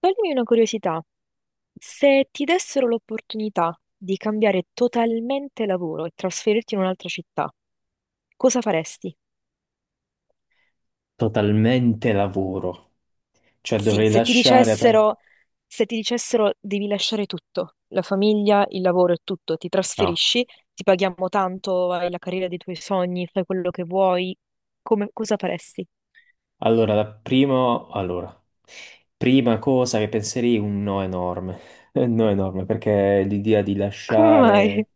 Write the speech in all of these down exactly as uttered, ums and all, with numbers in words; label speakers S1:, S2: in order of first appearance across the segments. S1: Toglimi una curiosità, se ti dessero l'opportunità di cambiare totalmente lavoro e trasferirti in un'altra città, cosa faresti?
S2: Totalmente lavoro. Cioè
S1: Sì,
S2: dovrei
S1: se ti
S2: lasciare... pe-
S1: dicessero, se ti dicessero devi lasciare tutto, la famiglia, il lavoro e tutto, ti
S2: No.
S1: trasferisci, ti paghiamo tanto, hai la carriera dei tuoi sogni, fai quello che vuoi, come- cosa faresti?
S2: Allora, la prima... allora, prima cosa che penserei è un no enorme. Un no enorme, perché l'idea di
S1: Come mai?
S2: lasciare,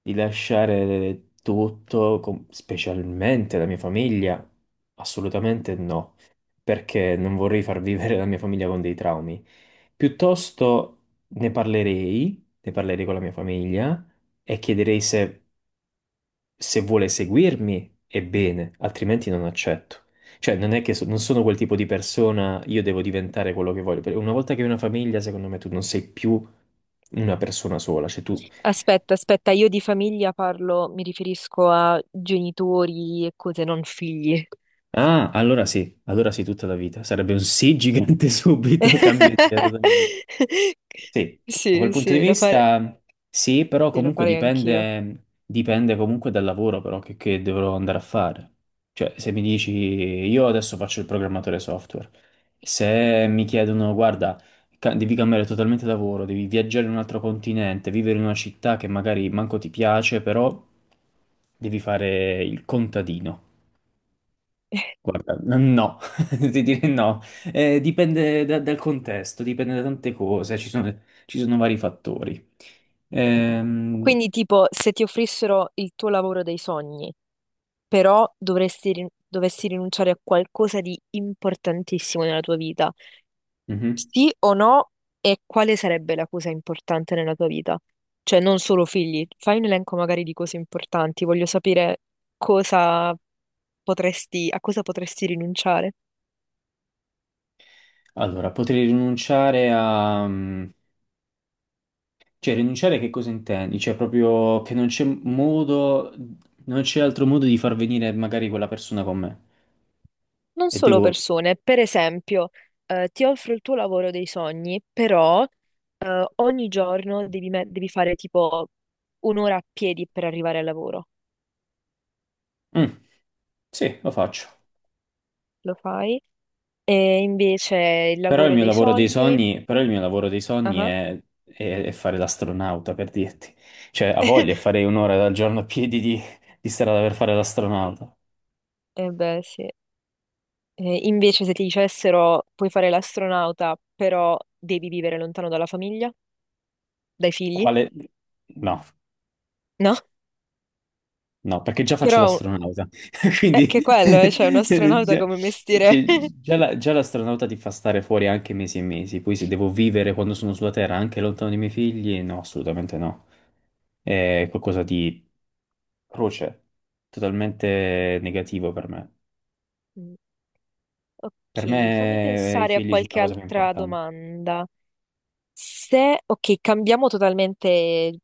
S2: di lasciare tutto, com- specialmente la mia famiglia, assolutamente no. Perché non vorrei far vivere la mia famiglia con dei traumi. Piuttosto ne parlerei, ne parlerei con la mia famiglia e chiederei se se vuole seguirmi, è bene, altrimenti non accetto. Cioè, non è che so- non sono quel tipo di persona, io devo diventare quello che voglio. Perché una volta che hai una famiglia, secondo me tu non sei più una persona sola, cioè tu...
S1: Aspetta, aspetta, io di famiglia parlo, mi riferisco a genitori e cose, non figli.
S2: Ah, allora sì, allora sì, tutta la vita. Sarebbe un sì gigante subito, cambio idea totalmente. Sì, da quel
S1: Sì,
S2: punto di
S1: sì, lo fare-
S2: vista sì, però
S1: sì, lo
S2: comunque
S1: farei anch'io.
S2: dipende, dipende comunque dal lavoro però che, che dovrò andare a fare. Cioè, se mi dici, io adesso faccio il programmatore software, se mi chiedono, guarda, ca- devi cambiare totalmente lavoro, devi viaggiare in un altro continente, vivere in una città che magari manco ti piace, però devi fare il contadino. Guarda, n- no, ti direi no. Eh, dipende da- dal contesto, dipende da tante cose, ci sono, ci sono vari fattori. Ehm,
S1: Quindi, tipo, se ti offrissero il tuo lavoro dei sogni, però dovresti rin- dovessi rinunciare a qualcosa di importantissimo nella tua vita,
S2: mhm.
S1: sì o no? E quale sarebbe la cosa importante nella tua vita? Cioè, non solo figli, fai un elenco magari di cose importanti, voglio sapere cosa potresti, a cosa potresti rinunciare.
S2: Allora, potrei rinunciare a... Cioè, rinunciare a che cosa intendi? Cioè, proprio che non c'è modo, non c'è altro modo di far venire magari quella persona con me.
S1: Non
S2: E
S1: solo
S2: devo...
S1: persone, per esempio, eh, ti offro il tuo lavoro dei sogni, però eh, ogni giorno devi, me- devi fare tipo un'ora a piedi per arrivare al lavoro.
S2: Mm, sì, lo faccio.
S1: Lo fai? E invece il
S2: Però il
S1: lavoro
S2: mio
S1: dei
S2: lavoro dei
S1: sogni...
S2: sogni, però il mio lavoro dei sogni
S1: Ah,
S2: è, è- è fare l'astronauta, per dirti. Cioè, a voglia, farei un'ora al giorno a piedi di, di strada per fare l'astronauta.
S1: eh beh, sì. Eh, invece se ti dicessero puoi fare l'astronauta, però devi vivere lontano dalla famiglia, dai figli,
S2: Quale? No,
S1: no?
S2: no, perché già faccio
S1: Però
S2: l'astronauta.
S1: è
S2: Quindi,
S1: che quello, eh, cioè un astronauta
S2: già,
S1: come mestiere...
S2: cioè, già la- già l'astronauta ti fa stare fuori anche mesi e mesi. Poi se devo vivere quando sono sulla Terra, anche lontano dai miei figli, no, assolutamente no. È qualcosa di croce, totalmente negativo per me.
S1: Mm,
S2: Per
S1: ok, fammi
S2: me eh, i
S1: pensare a
S2: figli sono la
S1: qualche
S2: cosa più
S1: altra
S2: importante.
S1: domanda. Se, ok, cambiamo totalmente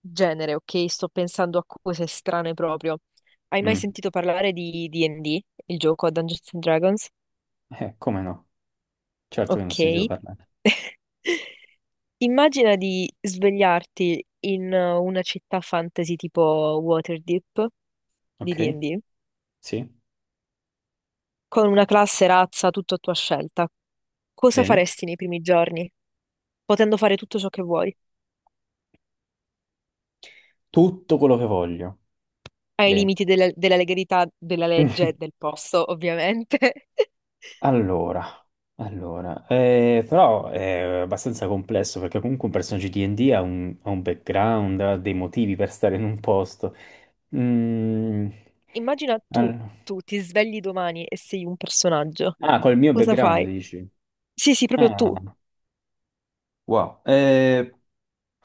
S1: genere, ok? Sto pensando a cose strane proprio. Hai mai
S2: Mm.
S1: sentito parlare di D e D, il gioco a Dungeons and Dragons?
S2: Eh, come no? Certo che non ho sentito
S1: Ok.
S2: parlare.
S1: Immagina di svegliarti in eh, una città fantasy tipo Waterdeep di
S2: Ok?
S1: D e D
S2: Sì?
S1: con una classe, razza, tutto a tua scelta, cosa
S2: Bene.
S1: faresti nei primi giorni, potendo fare tutto ciò che vuoi,
S2: Tutto quello che voglio.
S1: ai
S2: Bene.
S1: limiti della, della legalità della legge e del posto, ovviamente?
S2: Allora, allora, eh, però è abbastanza complesso perché comunque un personaggio di D&D ha un, ha un background, ha dei motivi per stare in un posto. Mm.
S1: Immagina tu,
S2: All-
S1: tu ti svegli domani e sei un personaggio.
S2: Ah, col mio
S1: Cosa
S2: background
S1: fai?
S2: dici?
S1: Sì, sì, proprio
S2: Ah.
S1: tu.
S2: Wow, eh,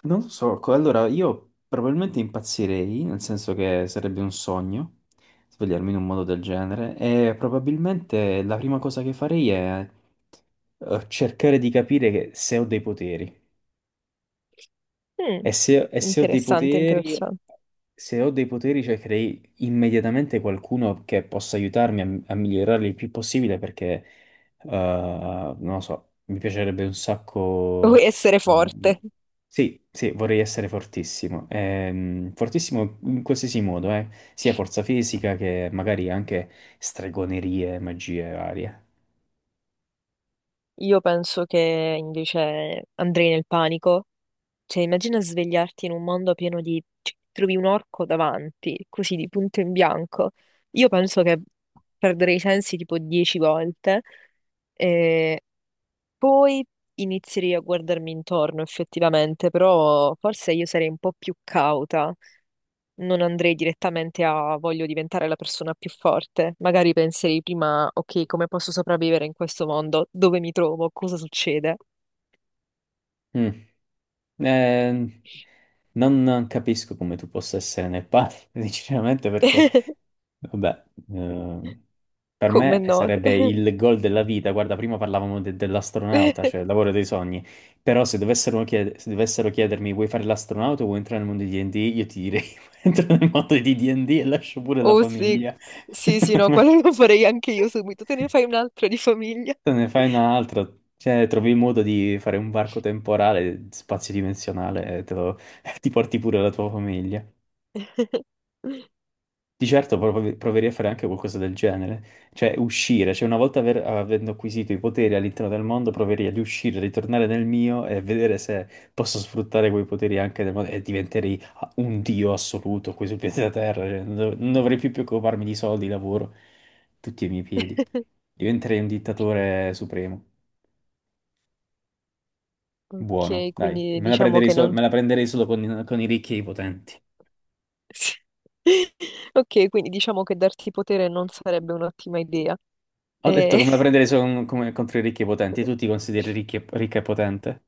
S2: non lo so, co- allora io probabilmente impazzirei, nel senso che sarebbe un sogno svegliarmi in un modo del genere e probabilmente la prima cosa che farei è eh, cercare di capire che- se ho dei poteri.
S1: Mm,
S2: E se, e se ho dei
S1: interessante,
S2: poteri,
S1: interessante.
S2: se ho dei poteri cercherei immediatamente qualcuno che possa aiutarmi a, a migliorarli il più possibile perché, eh, non lo so, mi piacerebbe un
S1: Vuoi
S2: sacco...
S1: essere
S2: ehm,
S1: forte?
S2: sì, sì, vorrei essere fortissimo. Ehm, fortissimo in qualsiasi modo, eh, sia forza fisica che magari anche stregonerie, magie varie.
S1: Io penso che invece andrei nel panico. Cioè, immagina svegliarti in un mondo pieno di... cioè, trovi un orco davanti, così di punto in bianco. Io penso che perderei i sensi tipo dieci volte. E poi inizierei a guardarmi intorno, effettivamente, però forse io sarei un po' più cauta. Non andrei direttamente a voglio diventare la persona più forte. Magari penserei prima, ok, come posso sopravvivere in questo mondo? Dove mi trovo? Cosa succede?
S2: Mm. Eh, non capisco come tu possa essere nel padre, sinceramente, perché vabbè, eh, per
S1: Come
S2: me
S1: no?
S2: sarebbe il gol della vita. Guarda, prima parlavamo de- dell'astronauta, cioè il lavoro dei sogni. Però se dovessero, chied- se dovessero chiedermi vuoi fare l'astronauta o vuoi entrare nel mondo di D&D, io ti direi entro nel mondo di D&D e D e lascio pure la
S1: Oh sì,
S2: famiglia.
S1: sì, sì, no, quello lo farei anche io subito, te ne fai un altro di famiglia.
S2: Te ne fai un'altra, cioè trovi il modo di fare un varco temporale, spazio-dimensionale e te lo- ti porti pure la tua famiglia. Di certo prov- proverei a fare anche qualcosa del genere, cioè uscire, cioè una volta aver- avendo acquisito i poteri all'interno del mondo, proverei ad uscire, ritornare nel mio e vedere se posso sfruttare quei poteri anche nel mondo e diventerei un dio assoluto qui sul pianeta Terra, cioè, non, dov- non dovrei più preoccuparmi di soldi, lavoro, tutti ai miei piedi. Diventerei un dittatore supremo, buono,
S1: Ok,
S2: dai,
S1: quindi
S2: me la
S1: diciamo
S2: prenderei,
S1: che
S2: so-
S1: non...
S2: me la prenderei solo con, con, i ricchi e i potenti.
S1: Ok, quindi diciamo che darti potere non sarebbe un'ottima idea.
S2: Ho detto
S1: Eh,
S2: come la prendere son- come contro i ricchi e potenti. Tu ti consideri ricchi e- ricca e potente?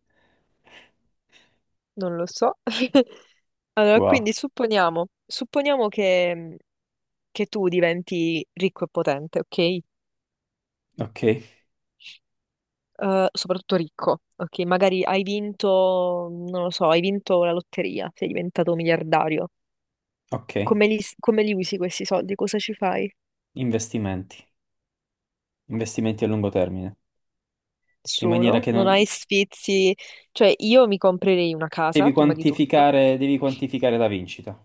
S1: non lo so. Allora,
S2: Wow.
S1: quindi supponiamo, supponiamo che, mm, che tu diventi ricco e potente, ok?
S2: Ok,
S1: Eh, soprattutto ricco, ok? Magari hai vinto, non lo so, hai vinto la lotteria, sei diventato miliardario.
S2: ok.
S1: Come li, s- come li usi questi soldi? Cosa ci fai?
S2: Investimenti. Investimenti a lungo termine. In maniera
S1: Solo?
S2: che
S1: Non hai
S2: non...
S1: sfizi? Cioè, io mi comprerei una casa,
S2: Devi
S1: prima di tutto.
S2: quantificare, devi quantificare la vincita.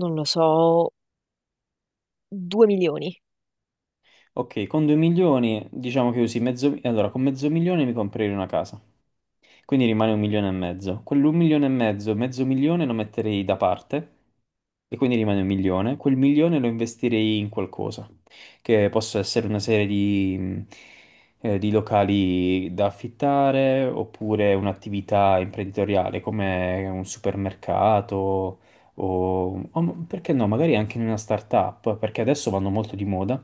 S1: Non lo so, due milioni.
S2: Ok, con 2 milioni diciamo che usi mezzo... Allora, con mezzo milione mi comprerei una casa. Quindi rimane un milione e mezzo. Quell'un milione e mezzo, mezzo milione lo metterei da parte e quindi rimane un milione. Quel milione lo investirei in qualcosa, che possa essere una serie di, mh, eh, di locali da affittare oppure un'attività imprenditoriale come un supermercato o, o m- perché no, magari anche in una startup, perché adesso vanno molto di moda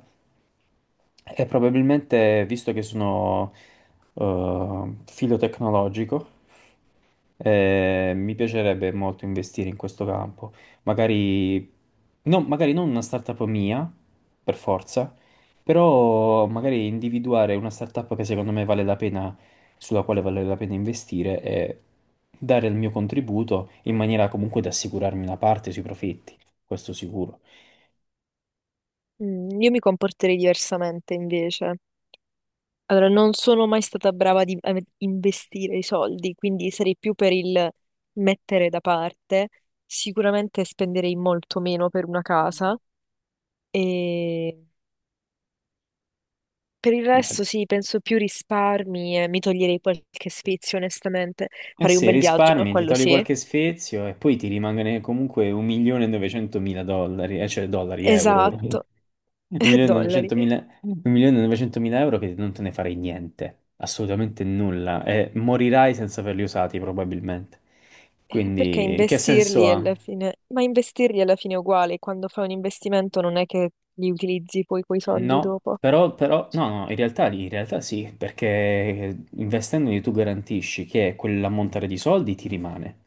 S2: e probabilmente, visto che sono eh, filo tecnologico, eh, mi piacerebbe molto investire in questo campo. Magari, no, magari non una startup mia, per forza, però magari individuare una startup che secondo me vale la pena, sulla quale vale la pena investire e dare il mio contributo in maniera comunque da assicurarmi una parte sui profitti, questo sicuro.
S1: Mm, io mi comporterei diversamente, invece. Allora, non sono mai stata brava di- a investire i soldi, quindi sarei più per il mettere da parte. Sicuramente spenderei molto meno per una casa e per il
S2: Beh,
S1: resto sì, penso più risparmi e mi toglierei qualche sfizio, onestamente.
S2: eh
S1: Farei un
S2: sì,
S1: bel viaggio,
S2: risparmi, ti
S1: quello
S2: togli
S1: sì.
S2: qualche sfizio e poi ti rimane comunque un milione e novecentomila dollari, eh, cioè dollari, euro, ora.
S1: Esatto, e dollari.
S2: un milione e novecentomila un milione e novecentomila euro che non te ne farei niente, assolutamente nulla, e morirai senza averli usati probabilmente.
S1: Eh, Perché
S2: Quindi che senso
S1: investirli alla
S2: ha?
S1: fine... Ma investirli alla fine è uguale, quando fai un investimento non è che li utilizzi poi quei soldi
S2: No,
S1: dopo.
S2: però, però- no, no, in realtà, in realtà sì, perché investendoli tu garantisci che quell'ammontare di soldi ti rimane,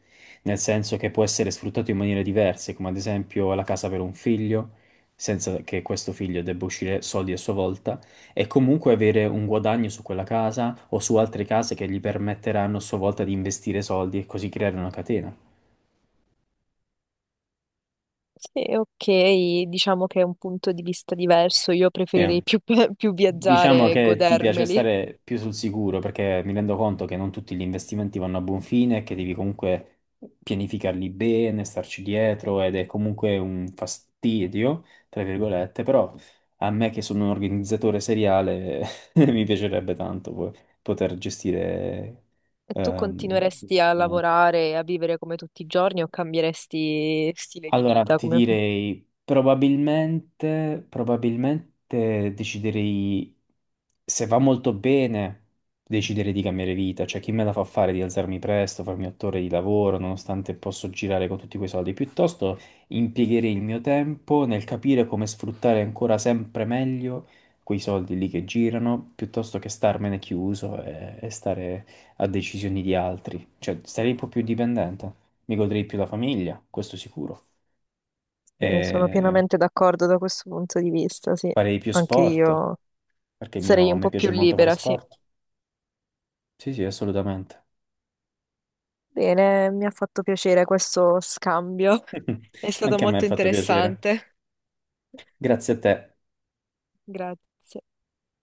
S2: nel senso che può essere sfruttato in maniere diverse, come ad esempio la casa per un figlio, senza che questo figlio debba uscire soldi a sua volta, e comunque avere un guadagno su quella casa o su altre case che gli permetteranno a sua volta di investire soldi e così creare una catena.
S1: Sì, ok, diciamo che è un punto di vista diverso, io
S2: Sì,
S1: preferirei più, più
S2: diciamo
S1: viaggiare e
S2: che ti piace
S1: godermeli.
S2: stare più sul sicuro perché mi rendo conto che non tutti gli investimenti vanno a buon fine e che devi comunque pianificarli bene, starci dietro ed è comunque un fastidio, tra virgolette, però a me che sono un organizzatore seriale mi piacerebbe tanto po- poter gestire
S1: E tu
S2: ehm, gli
S1: continueresti a
S2: investimenti.
S1: lavorare e a vivere come tutti i giorni o cambieresti stile di
S2: Allora,
S1: vita?
S2: ti
S1: Come...
S2: direi probabilmente, probabilmente deciderei, se va molto bene, decidere di cambiare vita, cioè chi me la fa fare di alzarmi presto, farmi otto ore di lavoro, nonostante posso girare con tutti quei soldi, piuttosto impiegherei il mio tempo nel capire come sfruttare ancora sempre meglio quei soldi lì che girano, piuttosto che starmene chiuso e, e stare a decisioni di altri, cioè sarei un po' più dipendente, mi godrei più la famiglia, questo sicuro
S1: Eh, sono
S2: e
S1: pienamente d'accordo da questo punto di vista, sì.
S2: farei più
S1: Anche
S2: sport,
S1: io
S2: perché il mio-
S1: sarei
S2: a
S1: un
S2: me
S1: po' più
S2: piace molto fare
S1: libera, sì.
S2: sport. Sì, sì, assolutamente.
S1: Bene, mi ha fatto piacere questo scambio. È stato
S2: Anche a me ha
S1: molto
S2: fatto piacere.
S1: interessante.
S2: Grazie a te.
S1: Grazie.